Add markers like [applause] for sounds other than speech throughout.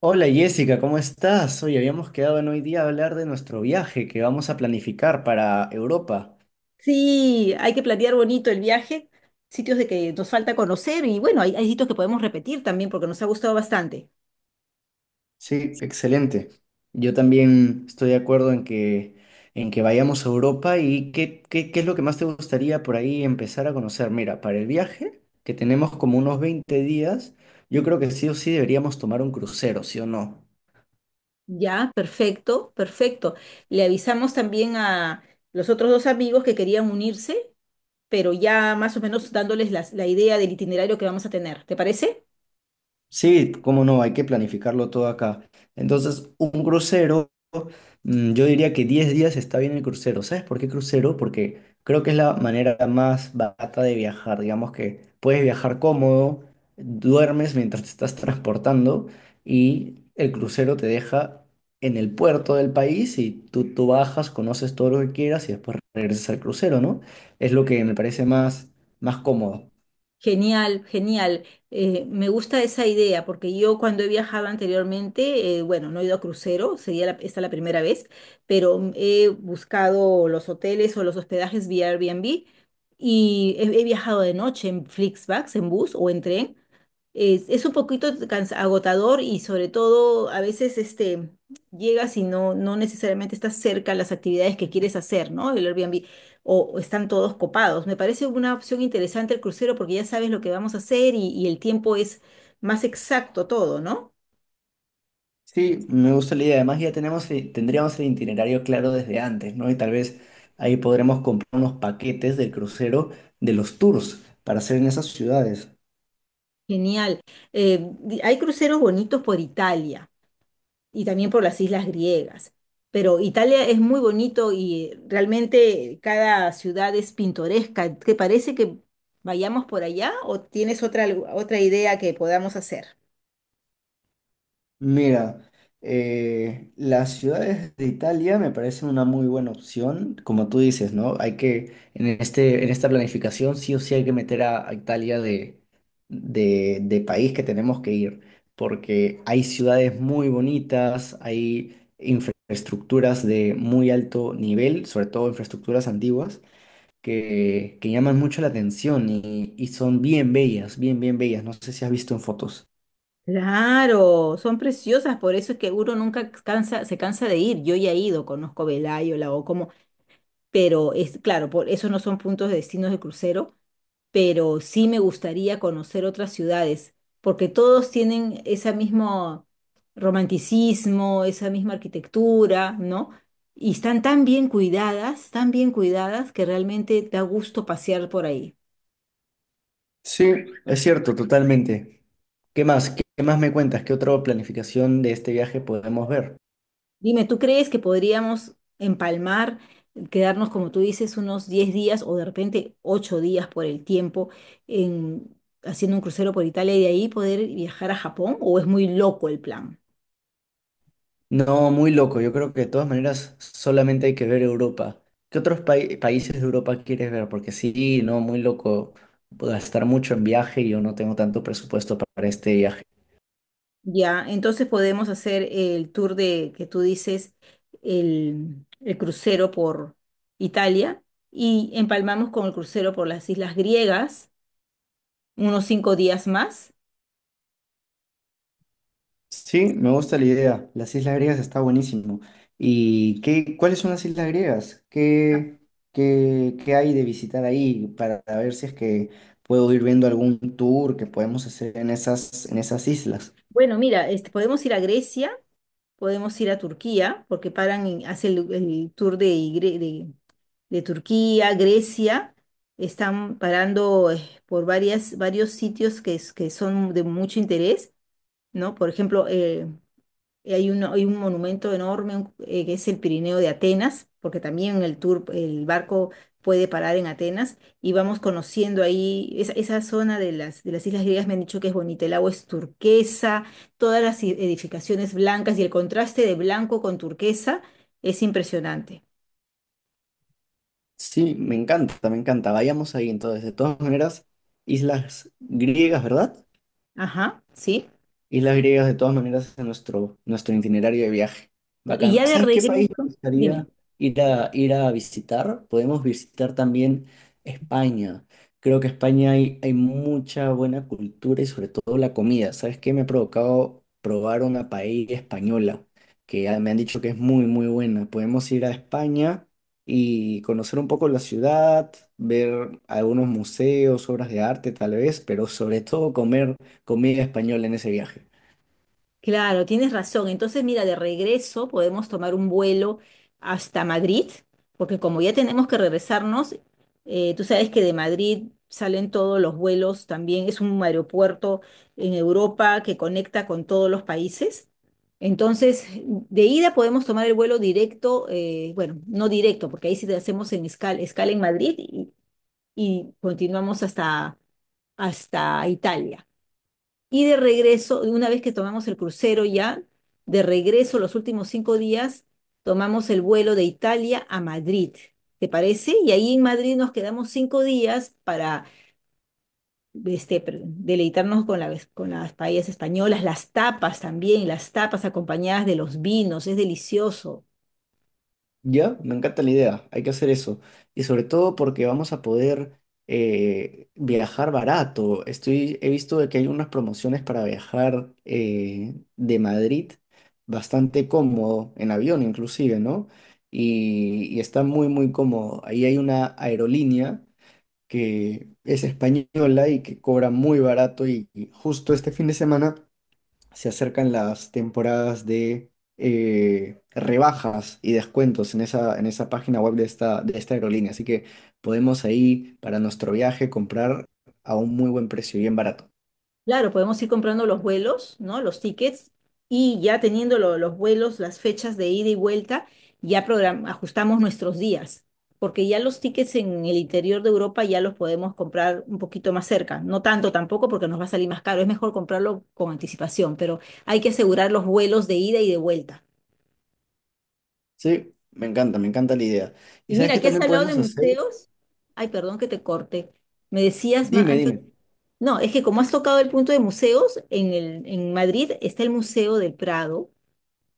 Hola Jessica, ¿cómo estás? Hoy habíamos quedado en hoy día a hablar de nuestro viaje que vamos a planificar para Europa. Sí, hay que planear bonito el viaje, sitios de que nos falta conocer y bueno, hay sitios que podemos repetir también porque nos ha gustado bastante. Sí, excelente. Yo también estoy de acuerdo en que vayamos a Europa y qué es lo que más te gustaría por ahí empezar a conocer. Mira, para el viaje, que tenemos como unos 20 días, yo creo que sí o sí deberíamos tomar un crucero, ¿sí o no? Ya, perfecto, perfecto. Le avisamos también a los otros dos amigos que querían unirse, pero ya más o menos dándoles la idea del itinerario que vamos a tener. ¿Te parece? Sí, cómo no, hay que planificarlo todo acá. Entonces, un crucero, yo diría que 10 días está bien el crucero. ¿Sabes por qué crucero? Porque creo que es la manera más barata de viajar. Digamos que puedes viajar cómodo, duermes mientras te estás [laughs] transportando y el crucero te deja en el puerto del país y tú bajas, conoces todo lo que quieras y después regresas al crucero, ¿no? Es lo que me parece más cómodo. Genial, genial. Me gusta esa idea porque yo cuando he viajado anteriormente, bueno, no he ido a crucero, sería esta la primera vez, pero he buscado los hoteles o los hospedajes vía Airbnb y he viajado de noche en Flixbus, en bus o en tren es un poquito agotador y sobre todo a veces este, llegas y no necesariamente estás cerca a las actividades que quieres hacer, ¿no? El Airbnb o están todos copados. Me parece una opción interesante el crucero porque ya sabes lo que vamos a hacer y el tiempo es más exacto todo, ¿no? Sí, me gusta la idea. Además, ya tenemos, tendríamos el itinerario claro desde antes, ¿no? Y tal vez ahí podremos comprar unos paquetes del crucero de los tours para hacer en esas ciudades. Genial. Hay cruceros bonitos por Italia, y también por las islas griegas. Pero Italia es muy bonito y realmente cada ciudad es pintoresca. ¿Te parece que vayamos por allá o tienes otra idea que podamos hacer? Mira, las ciudades de Italia me parecen una muy buena opción, como tú dices, ¿no? Hay que, en esta planificación sí o sí hay que meter a Italia de, de país que tenemos que ir, porque hay ciudades muy bonitas, hay infraestructuras de muy alto nivel, sobre todo infraestructuras antiguas, que llaman mucho la atención y son bien bellas, bien bellas. No sé si has visto en fotos. Claro, son preciosas, por eso es que uno nunca cansa, se cansa de ir. Yo ya he ido, conozco Velayo, la Ocomo, pero es claro, por eso no son puntos de destinos de crucero, pero sí me gustaría conocer otras ciudades, porque todos tienen ese mismo romanticismo, esa misma arquitectura, ¿no? Y están tan bien cuidadas, que realmente da gusto pasear por ahí. Sí, es cierto, totalmente. ¿Qué más? ¿Qué más me cuentas? ¿Qué otra planificación de este viaje podemos ver? Dime, ¿tú crees que podríamos empalmar, quedarnos, como tú dices, unos 10 días o de repente 8 días por el tiempo en, haciendo un crucero por Italia y de ahí poder viajar a Japón? ¿O es muy loco el plan? No, muy loco. Yo creo que de todas maneras solamente hay que ver Europa. ¿Qué otros países de Europa quieres ver? Porque sí, no, muy loco. Gastar mucho en viaje y yo no tengo tanto presupuesto para este viaje. Ya, entonces podemos hacer el tour de que tú dices, el crucero por Italia y empalmamos con el crucero por las islas griegas, unos 5 días más. Sí, me gusta la idea. Las islas griegas está buenísimo. ¿Y qué, cuáles son las islas griegas? ¿Qué hay de visitar ahí para ver si es que puedo ir viendo algún tour que podemos hacer en esas islas? Bueno, mira, este, podemos ir a Grecia, podemos ir a Turquía, porque paran y hacen el tour de, Gre- de, de Turquía, Grecia, están parando por varios sitios que son de mucho interés, ¿no? Por ejemplo, hay hay un monumento enorme que es el Pirineo de Atenas, porque también el tour, el barco puede parar en Atenas y vamos conociendo ahí esa zona de las islas griegas. Me han dicho que es bonita, el agua es turquesa, todas edificaciones blancas y el contraste de blanco con turquesa es impresionante. Sí, me encanta, me encanta. Vayamos ahí entonces. De todas maneras, islas griegas, ¿verdad? Ajá, sí. Islas griegas de todas maneras en nuestro itinerario de viaje. Y Bacán. ya de ¿Sabes qué país me regreso, dime. gustaría ir a visitar? Podemos visitar también España. Creo que España hay, hay mucha buena cultura y sobre todo la comida. ¿Sabes qué? Me ha provocado probar una paella española que ah, me han dicho que es muy, muy buena. Podemos ir a España y conocer un poco la ciudad, ver algunos museos, obras de arte tal vez, pero sobre todo comer comida española en ese viaje. Claro, tienes razón. Entonces, mira, de regreso podemos tomar un vuelo hasta Madrid, porque como ya tenemos que regresarnos, tú sabes que de Madrid salen todos los vuelos también. Es un aeropuerto en Europa que conecta con todos los países. Entonces, de ida podemos tomar el vuelo directo, bueno, no directo, porque ahí sí te hacemos en escala en Madrid y continuamos hasta, hasta Italia. Y de regreso, una vez que tomamos el crucero ya, de regreso los últimos 5 días, tomamos el vuelo de Italia a Madrid. ¿Te parece? Y ahí en Madrid nos quedamos 5 días para deleitarnos con las paellas españolas, las tapas también, las tapas acompañadas de los vinos, es delicioso. Ya, me encanta la idea, hay que hacer eso. Y sobre todo porque vamos a poder viajar barato. Estoy, he visto de que hay unas promociones para viajar de Madrid bastante cómodo, en avión inclusive, ¿no? Y está muy, muy cómodo. Ahí hay una aerolínea que es española y que cobra muy barato y justo este fin de semana se acercan las temporadas de rebajas y descuentos en esa página web de esta aerolínea. Así que podemos ahí para nuestro viaje comprar a un muy buen precio, bien barato. Claro, podemos ir comprando los vuelos, ¿no? Los tickets y ya teniendo los vuelos, las fechas de ida y vuelta, ajustamos nuestros días, porque ya los tickets en el interior de Europa ya los podemos comprar un poquito más cerca, no tanto tampoco porque nos va a salir más caro, es mejor comprarlo con anticipación, pero hay que asegurar los vuelos de ida y de vuelta. Sí, me encanta la idea. ¿Y Y sabes mira, qué aquí has también hablado de podemos hacer? museos. Ay, perdón que te corte. Me decías, Dime, antes. dime. No, es que como has tocado el punto de museos, en Madrid está el Museo del Prado,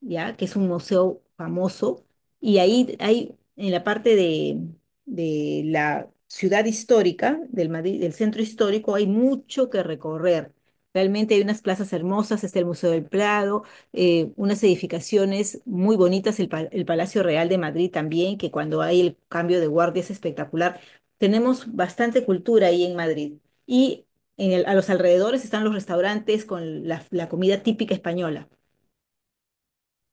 ¿ya? Que es un museo famoso. Y ahí hay, en la parte de la ciudad histórica, del Madrid, del centro histórico, hay mucho que recorrer. Realmente hay unas plazas hermosas, está el Museo del Prado, unas edificaciones muy bonitas, el Palacio Real de Madrid también, que cuando hay el cambio de guardia es espectacular. Tenemos bastante cultura ahí en Madrid. Y a los alrededores están los restaurantes con la comida típica española.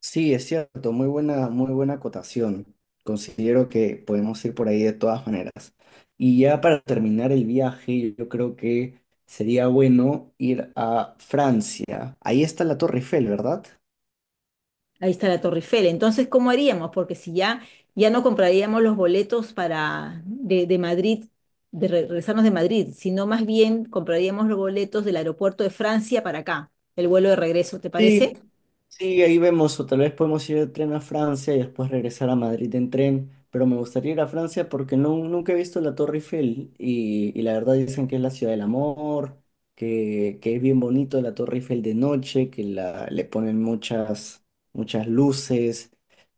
Sí, es cierto, muy buena acotación. Considero que podemos ir por ahí de todas maneras. Y ya para terminar el viaje, yo creo que sería bueno ir a Francia. Ahí está la Torre Eiffel, ¿verdad? Ahí está la Torre Eiffel. Entonces, ¿cómo haríamos? Porque si ya, ya no compraríamos los boletos de Madrid, regresarnos de Madrid, sino más bien compraríamos los boletos del aeropuerto de Francia para acá, el vuelo de regreso, ¿te parece? Sí, sí, ahí vemos, o tal vez podemos ir de tren a Francia y después regresar a Madrid en tren, pero me gustaría ir a Francia porque no, nunca he visto la Torre Eiffel y la verdad dicen que es la ciudad del amor, que es bien bonito la Torre Eiffel de noche, que la, le ponen muchas, muchas luces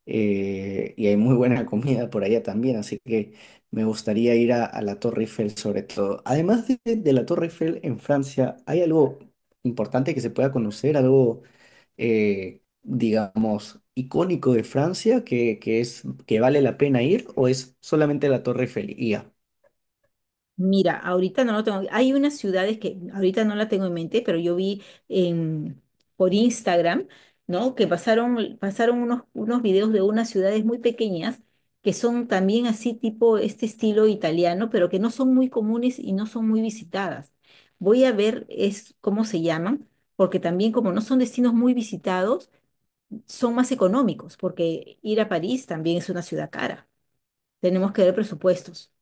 y hay muy buena comida por allá también, así que me gustaría ir a la Torre Eiffel sobre todo. Además de la Torre Eiffel en Francia, ¿hay algo importante que se pueda conocer, algo digamos, icónico de Francia que es, que vale la pena ir o es solamente la Torre Eiffel? Y ya. Mira, ahorita no lo tengo. Hay unas ciudades que ahorita no la tengo en mente, pero yo vi en- por Instagram, ¿no? Que pasaron, pasaron unos videos de unas ciudades muy pequeñas que son también así tipo este estilo italiano, pero que no son muy comunes y no son muy visitadas. Voy a ver es cómo se llaman, porque también como no son destinos muy visitados, son más económicos, porque ir a París también es una ciudad cara. Tenemos que ver presupuestos.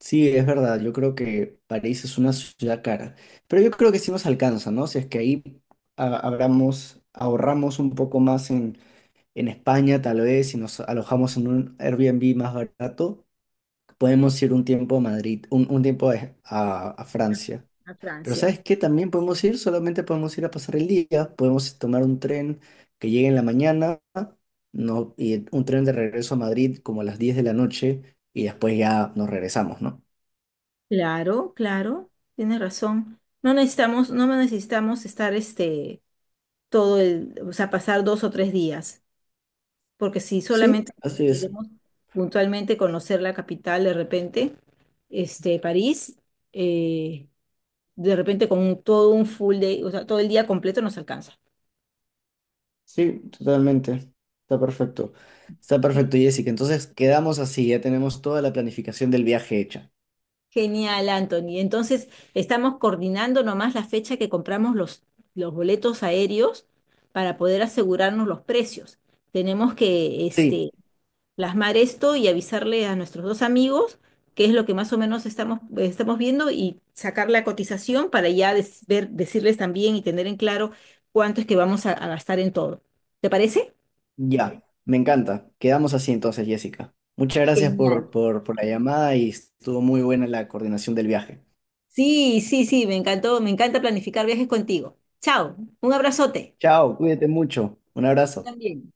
Sí, es verdad, yo creo que París es una ciudad cara, pero yo creo que sí nos alcanza, ¿no? Si es que ahí abramos, ahorramos un poco más en España, tal vez, si nos alojamos en un Airbnb más barato, podemos ir un tiempo a Madrid, un tiempo a, a Francia. A Pero Francia. ¿sabes qué? También podemos ir, solamente podemos ir a pasar el día, podemos tomar un tren que llegue en la mañana, no, y un tren de regreso a Madrid como a las 10 de la noche y después ya nos regresamos, ¿no? Claro, claro, tienes razón. No necesitamos, no necesitamos estar este todo el, o sea, pasar dos o tres días, porque si solamente Sí, así es. queremos puntualmente conocer la capital de repente, este, París, eh, de repente con todo un full day, o sea, todo el día completo nos alcanza. Sí, totalmente. Está perfecto. Está Sí. perfecto, Jessica. Entonces quedamos así, ya tenemos toda la planificación del viaje hecha. Genial, Anthony. Entonces, estamos coordinando nomás la fecha que compramos los boletos aéreos para poder asegurarnos los precios tenemos que Sí, este, plasmar esto y avisarle a nuestros dos amigos qué es lo que más o menos estamos, estamos viendo y sacar la cotización para ya decirles también y tener en claro cuánto es que vamos a gastar en todo. ¿Te parece? ya, me encanta. Quedamos así entonces, Jessica. Muchas gracias por, Genial. por, por la llamada y estuvo muy buena la coordinación del viaje. Sí, sí, sí, me encantó, me encanta planificar viajes contigo. Chao, un abrazote. Chao, cuídate mucho. Un Yo abrazo. también.